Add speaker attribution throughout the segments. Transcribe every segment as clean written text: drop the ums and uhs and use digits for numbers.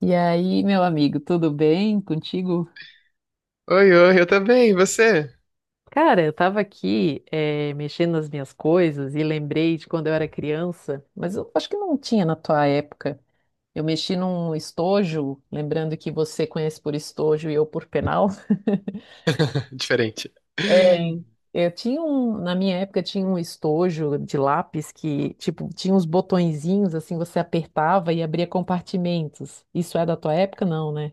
Speaker 1: E aí, meu amigo, tudo bem contigo?
Speaker 2: Oi, oi, eu também, e você?
Speaker 1: Cara, eu tava aqui, mexendo nas minhas coisas e lembrei de quando eu era criança. Mas eu acho que não tinha na tua época. Eu mexi num estojo, lembrando que você conhece por estojo e eu por penal.
Speaker 2: Diferente.
Speaker 1: É, eu tinha um, na minha época tinha um estojo de lápis que, tipo, tinha uns botõezinhos assim, você apertava e abria compartimentos. Isso é da tua época? Não, né?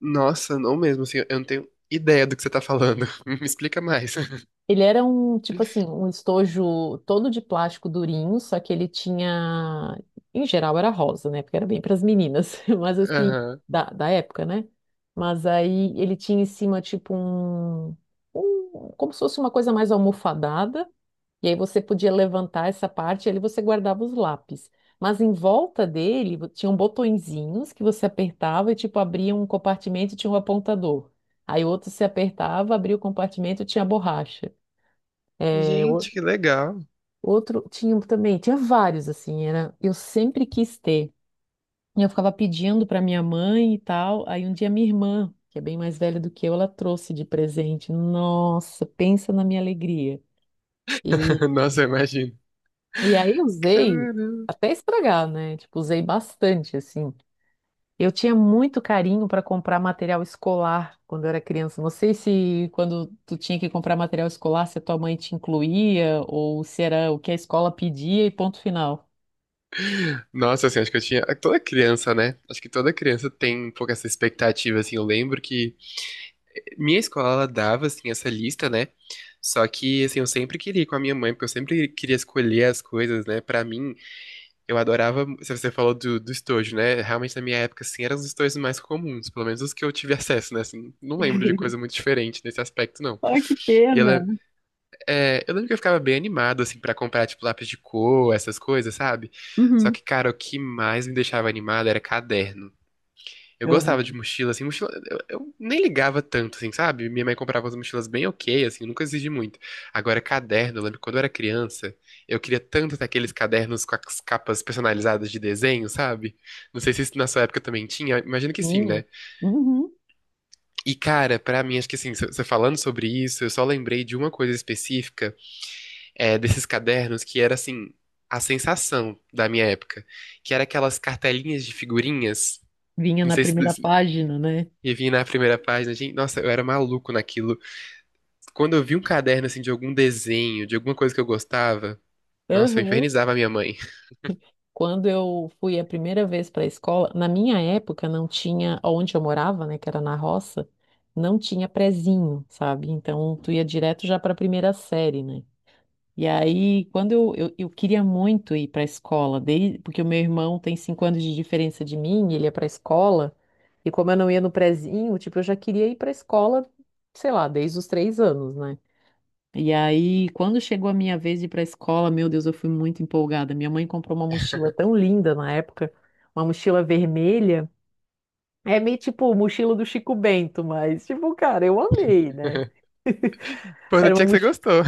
Speaker 2: Nossa, não mesmo, assim, eu não tenho ideia do que você tá falando. Me explica mais.
Speaker 1: Ele era um, tipo assim, um estojo todo de plástico durinho, só que ele tinha, em geral era rosa, né? Porque era bem para as meninas, mas assim,
Speaker 2: Aham.
Speaker 1: da época, né? Mas aí ele tinha em cima, tipo, um, como se fosse uma coisa mais almofadada, e aí você podia levantar essa parte, e ali você guardava os lápis. Mas em volta dele tinham botõezinhos que você apertava e, tipo, abria um compartimento e tinha um apontador. Aí outro se apertava, abria o compartimento e tinha borracha. É.
Speaker 2: Gente, que legal.
Speaker 1: Outro, tinha um também, tinha vários assim, era, eu sempre quis ter. E eu ficava pedindo para minha mãe e tal. Aí um dia minha irmã, que é bem mais velha do que eu, ela trouxe de presente. Nossa, pensa na minha alegria. E,
Speaker 2: Nossa, eu imagino.
Speaker 1: e aí eu usei
Speaker 2: Caramba.
Speaker 1: até estragar, né? Tipo, usei bastante assim. Eu tinha muito carinho para comprar material escolar quando eu era criança. Não sei se quando tu tinha que comprar material escolar, se a tua mãe te incluía ou se era o que a escola pedia e ponto final.
Speaker 2: Nossa, assim, acho que eu tinha. Toda criança, né? Acho que toda criança tem um pouco essa expectativa, assim. Eu lembro que minha escola, ela dava, assim, essa lista, né? Só que, assim, eu sempre queria ir com a minha mãe, porque eu sempre queria escolher as coisas, né, pra mim. Eu adorava, se você falou do estojo, né? Realmente na minha época, assim, eram os estojos mais comuns, pelo menos os que eu tive acesso, né? Assim, não lembro de coisa muito diferente nesse aspecto, não.
Speaker 1: Ai, que
Speaker 2: E ela,
Speaker 1: pena.
Speaker 2: eu lembro que eu ficava bem animado, assim, pra comprar, tipo, lápis de cor, essas coisas, sabe? Só
Speaker 1: Uhum.
Speaker 2: que, cara, o que mais me deixava animado era caderno. Eu gostava de
Speaker 1: Aham.
Speaker 2: mochila, assim, mochila. Eu nem ligava tanto, assim, sabe? Minha mãe comprava as mochilas bem ok, assim, nunca exigi muito. Agora, caderno, eu lembro que quando eu era criança, eu queria tanto ter aqueles cadernos com as capas personalizadas de desenho, sabe? Não sei se isso na sua época também tinha, imagino que sim,
Speaker 1: Minha.
Speaker 2: né?
Speaker 1: Uhum.
Speaker 2: E, cara, pra mim, acho que assim, você falando sobre isso, eu só lembrei de uma coisa específica, desses cadernos que era, assim, a sensação da minha época, que era aquelas cartelinhas de figurinhas.
Speaker 1: Vinha
Speaker 2: Não
Speaker 1: na
Speaker 2: sei
Speaker 1: primeira
Speaker 2: se,
Speaker 1: página, né?
Speaker 2: e vim na primeira página, gente, nossa, eu era maluco naquilo. Quando eu vi um caderno assim de algum desenho, de alguma coisa que eu gostava, nossa, eu
Speaker 1: Aham.
Speaker 2: infernizava a minha mãe.
Speaker 1: Quando eu fui a primeira vez para a escola, na minha época não tinha, onde eu morava, né, que era na roça, não tinha prezinho, sabe? Então tu ia direto já para a primeira série, né? E aí, quando eu queria muito ir para a escola, desde, porque o meu irmão tem 5 anos de diferença de mim, ele ia para a escola, e como eu não ia no prezinho, tipo, eu já queria ir para a escola, sei lá, desde os 3 anos, né? E aí, quando chegou a minha vez de ir para a escola, meu Deus, eu fui muito empolgada. Minha mãe comprou uma mochila tão linda na época, uma mochila vermelha. É meio tipo mochila do Chico Bento, mas, tipo, cara, eu amei, né? Era
Speaker 2: Importante
Speaker 1: uma
Speaker 2: é que você
Speaker 1: mochila.
Speaker 2: gostou.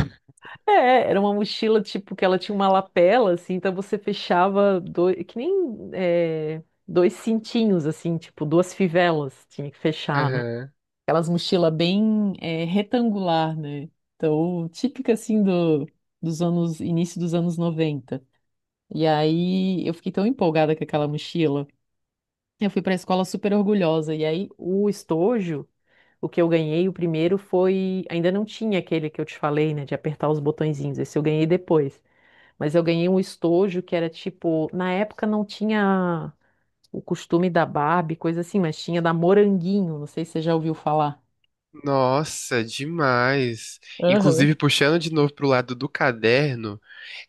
Speaker 1: É, era uma mochila, tipo, que ela tinha uma lapela, assim, então você fechava dois, que nem é, dois cintinhos, assim, tipo, duas fivelas tinha que fechar, né?
Speaker 2: Aham.
Speaker 1: Aquelas mochilas bem é, retangular, né? Então, típica, assim, dos anos, início dos anos 90. E aí, eu fiquei tão empolgada com aquela mochila. Eu fui pra escola super orgulhosa, e aí, o estojo... O que eu ganhei, o primeiro foi. Ainda não tinha aquele que eu te falei, né? De apertar os botõezinhos. Esse eu ganhei depois. Mas eu ganhei um estojo que era tipo, na época não tinha o costume da Barbie, coisa assim, mas tinha da Moranguinho, não sei se você já ouviu falar.
Speaker 2: Nossa, demais. Inclusive,
Speaker 1: Aham,
Speaker 2: puxando de novo pro lado do caderno,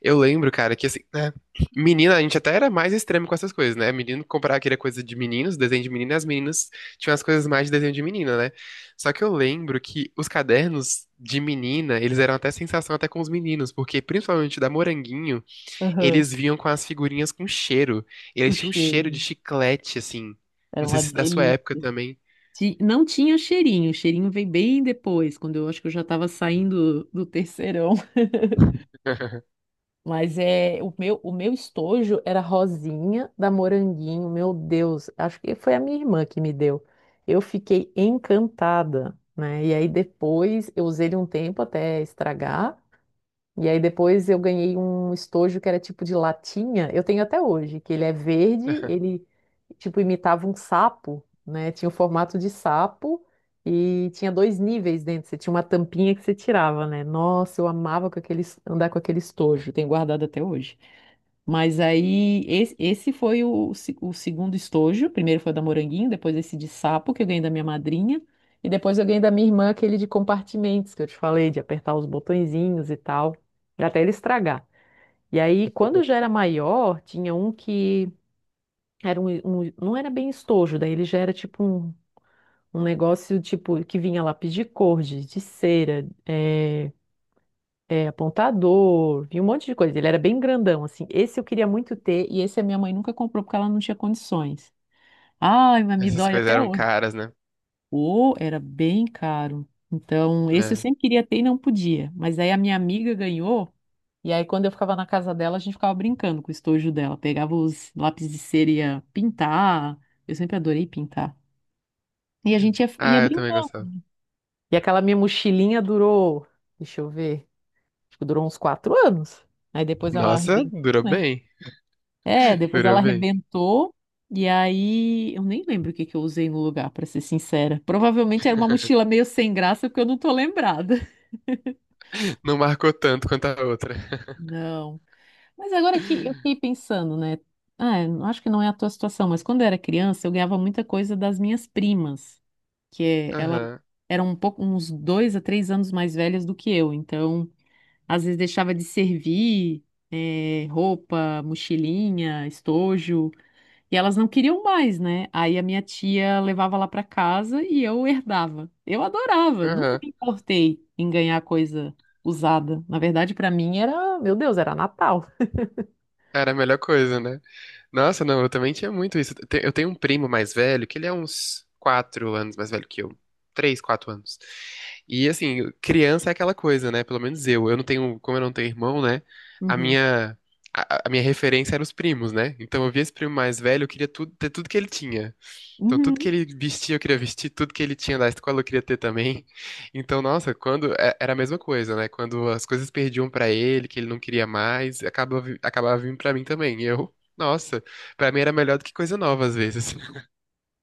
Speaker 2: eu lembro, cara, que assim, né? Menina, a gente até era mais extremo com essas coisas, né? Menino comprava aquela coisa de meninos, desenho de menina, e as meninas tinham as coisas mais de desenho de menina, né? Só que eu lembro que os cadernos de menina, eles eram até sensação até com os meninos, porque principalmente da Moranguinho,
Speaker 1: aham.
Speaker 2: eles vinham com as figurinhas com cheiro.
Speaker 1: O
Speaker 2: Eles tinham um cheiro de
Speaker 1: cheirinho.
Speaker 2: chiclete, assim.
Speaker 1: Era
Speaker 2: Não sei
Speaker 1: uma
Speaker 2: se da sua
Speaker 1: delícia.
Speaker 2: época também.
Speaker 1: Não tinha o cheirinho veio bem depois, quando eu acho que eu já estava saindo do terceirão. Mas é o meu estojo era rosinha da Moranguinho, meu Deus, acho que foi a minha irmã que me deu. Eu fiquei encantada, né? E aí depois eu usei ele um tempo até estragar. E aí depois eu ganhei um estojo que era tipo de latinha, eu tenho até hoje, que ele é verde, ele tipo imitava um sapo, né? Tinha o formato de sapo e tinha dois níveis dentro, você tinha uma tampinha que você tirava, né? Nossa, eu amava com aquele, andar com aquele estojo, tenho guardado até hoje. Mas aí, esse foi o, o segundo estojo. Primeiro foi o da Moranguinho, depois esse de sapo, que eu ganhei da minha madrinha. E depois eu ganhei da minha irmã aquele de compartimentos, que eu te falei, de apertar os botõezinhos e tal, até ele estragar. E aí, quando já era maior, tinha um que era um, não era bem estojo, daí ele já era tipo um, um negócio tipo que vinha lápis de cor, de cera, apontador, vi um monte de coisa. Ele era bem grandão, assim. Esse eu queria muito ter e esse a minha mãe nunca comprou porque ela não tinha condições. Ai, mas me
Speaker 2: Essas
Speaker 1: dói
Speaker 2: coisas
Speaker 1: até
Speaker 2: eram
Speaker 1: hoje.
Speaker 2: caras, né?
Speaker 1: O era bem caro. Então, esse eu
Speaker 2: É.
Speaker 1: sempre queria ter e não podia. Mas aí a minha amiga ganhou e aí quando eu ficava na casa dela, a gente ficava brincando com o estojo dela. Pegava os lápis de cera e ia pintar. Eu sempre adorei pintar. E a gente ia
Speaker 2: Ah, eu também
Speaker 1: brincando.
Speaker 2: gostava.
Speaker 1: E aquela minha mochilinha durou, deixa eu ver, acho que durou uns 4 anos. Aí depois ela
Speaker 2: Nossa,
Speaker 1: arrebentou,
Speaker 2: durou
Speaker 1: né?
Speaker 2: bem.
Speaker 1: É, depois ela
Speaker 2: Durou bem.
Speaker 1: arrebentou. E aí, eu nem lembro o que que eu usei no lugar, pra ser sincera. Provavelmente era uma mochila meio sem graça, porque eu não tô lembrada.
Speaker 2: Não marcou tanto quanto a outra.
Speaker 1: Não. Mas agora que eu fiquei pensando, né? Ah, eu acho que não é a tua situação, mas quando eu era criança, eu ganhava muita coisa das minhas primas, que é, elas
Speaker 2: Aham,
Speaker 1: eram um pouco, uns 2 a 3 anos mais velhas do que eu. Então, às vezes deixava de servir, roupa, mochilinha, estojo. E elas não queriam mais, né? Aí a minha tia levava lá para casa e eu herdava. Eu adorava, nunca
Speaker 2: aham.
Speaker 1: me importei em ganhar coisa usada. Na verdade, para mim era, meu Deus, era Natal.
Speaker 2: Era a melhor coisa, né? Nossa, não, eu também tinha muito isso. Te- Eu tenho um primo mais velho, que ele é uns 4 anos mais velho que eu. 3, 4 anos. E assim, criança é aquela coisa, né? Pelo menos eu. Eu não tenho, como eu não tenho irmão, né? A
Speaker 1: Uhum.
Speaker 2: minha, a minha referência era os primos, né? Então eu via esse primo mais velho, eu queria tudo, ter tudo que ele tinha. Então, tudo que
Speaker 1: Uhum.
Speaker 2: ele vestia, eu queria vestir, tudo que ele tinha da escola, eu queria ter também. Então, nossa, quando é- era a mesma coisa, né? Quando as coisas perdiam pra ele, que ele não queria mais, acabava, vi- acabava vindo pra mim também. E eu, nossa, pra mim era melhor do que coisa nova às vezes.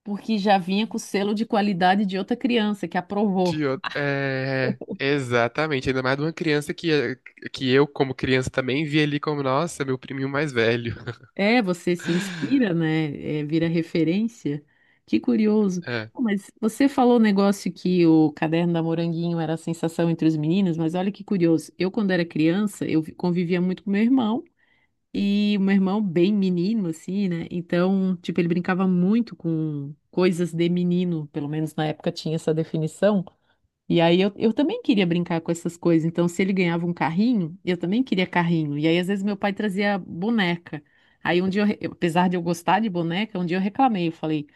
Speaker 1: Porque já vinha com o selo de qualidade de outra criança que aprovou.
Speaker 2: De outro, é, exatamente, ainda mais de uma criança que eu, como criança, também via ali como, nossa, meu priminho mais velho.
Speaker 1: É, você se inspira, né? É, vira referência. Que curioso.
Speaker 2: É.
Speaker 1: Pô, mas você falou o negócio que o caderno da Moranguinho era a sensação entre os meninos, mas olha que curioso. Eu, quando era criança, eu convivia muito com meu irmão. E o meu irmão, bem menino, assim, né? Então, tipo, ele brincava muito com coisas de menino, pelo menos na época tinha essa definição. E aí eu, também queria brincar com essas coisas. Então, se ele ganhava um carrinho, eu também queria carrinho. E aí, às vezes, meu pai trazia boneca. Aí, um dia, apesar de eu gostar de boneca, um dia eu reclamei. Eu falei,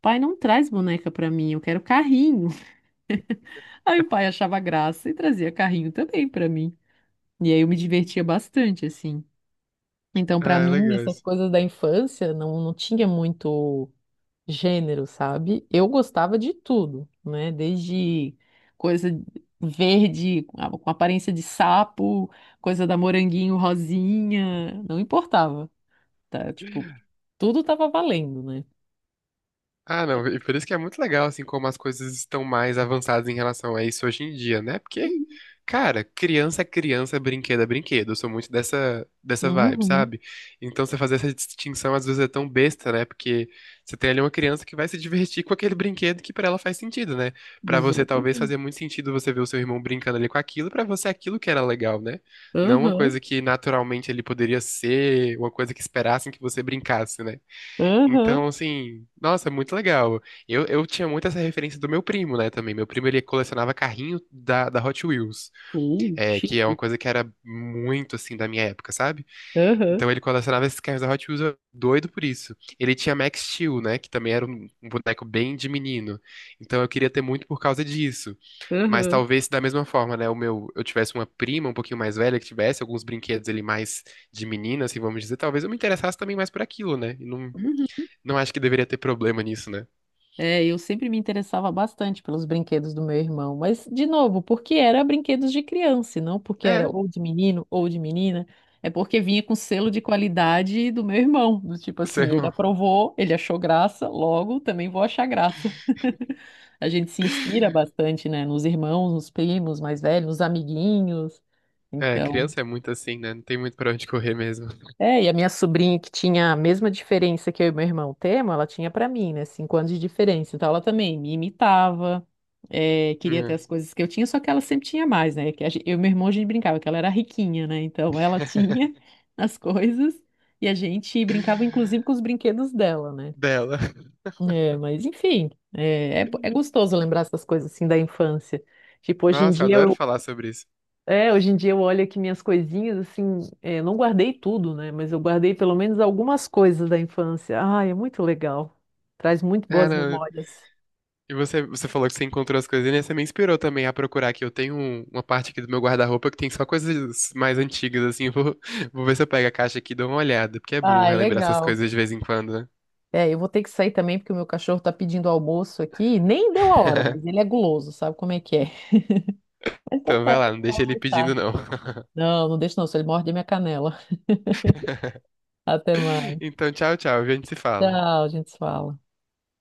Speaker 1: pai, não traz boneca pra mim, eu quero carrinho. Aí o pai achava graça e trazia carrinho também pra mim. E aí eu me divertia bastante, assim. Então, pra
Speaker 2: Ah, é
Speaker 1: mim,
Speaker 2: legal.
Speaker 1: essas
Speaker 2: Isso.
Speaker 1: coisas da infância não tinha muito gênero, sabe? Eu gostava de tudo, né? Desde coisa verde, com aparência de sapo, coisa da moranguinho rosinha, não importava, tá? Tipo, tudo tava valendo, né?
Speaker 2: Ah, não, e por isso que é muito legal, assim, como as coisas estão mais avançadas em relação a isso hoje em dia, né? Porque, cara, criança é criança, brinquedo é brinquedo. Eu sou muito dessa vibe,
Speaker 1: Uhum,
Speaker 2: sabe? Então você fazer essa distinção às vezes é tão besta, né? Porque você tem ali uma criança que vai se divertir com aquele brinquedo que pra ela faz sentido, né? Pra você talvez
Speaker 1: exatamente.
Speaker 2: fazer muito sentido você ver o seu irmão brincando ali com aquilo, pra você aquilo que era legal, né? Não uma
Speaker 1: Aham,
Speaker 2: coisa que naturalmente ele poderia ser, uma coisa que esperassem que você brincasse, né?
Speaker 1: aham,
Speaker 2: Então, assim, nossa, é muito legal. Eu tinha muito essa referência do meu primo, né, também. Meu primo, ele colecionava carrinho da Hot Wheels,
Speaker 1: chique.
Speaker 2: que é uma coisa que era muito, assim, da minha época, sabe?
Speaker 1: Aham,
Speaker 2: Então, ele colecionava esses carrinhos da Hot Wheels, eu- doido por isso. Ele tinha Max Steel, né, que também era um, um boneco bem de menino. Então, eu queria ter muito por causa disso. Mas
Speaker 1: aham.
Speaker 2: talvez, da mesma forma, né, o meu, eu tivesse uma prima um pouquinho mais velha que tivesse alguns brinquedos ali mais de menina, assim, vamos dizer, talvez eu me interessasse também mais por aquilo, né? E não
Speaker 1: Uhum.
Speaker 2: não acho que deveria ter problema nisso, né?
Speaker 1: É, eu sempre me interessava bastante pelos brinquedos do meu irmão, mas, de novo, porque era brinquedos de criança, e não porque era
Speaker 2: É,
Speaker 1: ou de menino ou de menina, é porque vinha com selo de qualidade do meu irmão, do tipo
Speaker 2: seu
Speaker 1: assim, ele
Speaker 2: irmão.
Speaker 1: aprovou, ele achou graça, logo também vou achar graça. A gente se inspira bastante, né, nos irmãos, nos primos mais velhos, nos amiguinhos,
Speaker 2: É,
Speaker 1: então.
Speaker 2: criança é muito assim, né? Não tem muito pra onde correr mesmo.
Speaker 1: É, e a minha sobrinha que tinha a mesma diferença que eu e meu irmão temos, ela tinha pra mim, né? 5 anos de diferença. Então ela também me imitava, é, queria ter
Speaker 2: É.
Speaker 1: as coisas que eu tinha, só que ela sempre tinha mais, né? Que eu e meu irmão a gente brincava que ela era riquinha, né? Então ela tinha as coisas e a gente brincava inclusive com os brinquedos dela, né?
Speaker 2: Dela.
Speaker 1: É, mas enfim, é gostoso lembrar essas coisas assim da infância. Tipo, hoje em
Speaker 2: Nossa, eu
Speaker 1: dia
Speaker 2: adoro
Speaker 1: eu
Speaker 2: falar sobre isso.
Speaker 1: é, hoje em dia eu olho aqui minhas coisinhas, assim, é, não guardei tudo, né? Mas eu guardei pelo menos algumas coisas da infância. Ai, é muito legal. Traz muito
Speaker 2: É,
Speaker 1: boas
Speaker 2: não.
Speaker 1: memórias.
Speaker 2: E você, você falou que você encontrou as coisas, né? Você me inspirou também a procurar aqui. Eu tenho um- uma parte aqui do meu guarda-roupa que tem só coisas mais antigas, assim. Eu vou, vou ver se eu pego a caixa aqui e dou uma olhada, porque é bom
Speaker 1: Ah, é
Speaker 2: relembrar essas
Speaker 1: legal.
Speaker 2: coisas de vez em quando, né?
Speaker 1: É, eu vou ter que sair também porque o meu cachorro tá pedindo almoço aqui. Nem deu a hora, mas ele é guloso, sabe como é que é? Então
Speaker 2: Então
Speaker 1: tá, a
Speaker 2: vai lá,
Speaker 1: gente
Speaker 2: não deixa
Speaker 1: fala
Speaker 2: ele
Speaker 1: mais
Speaker 2: pedindo,
Speaker 1: tarde.
Speaker 2: não.
Speaker 1: Não, não deixa não, se ele morde a minha canela. Até mais.
Speaker 2: Então, tchau, tchau. A gente se fala.
Speaker 1: Tchau, a gente se fala.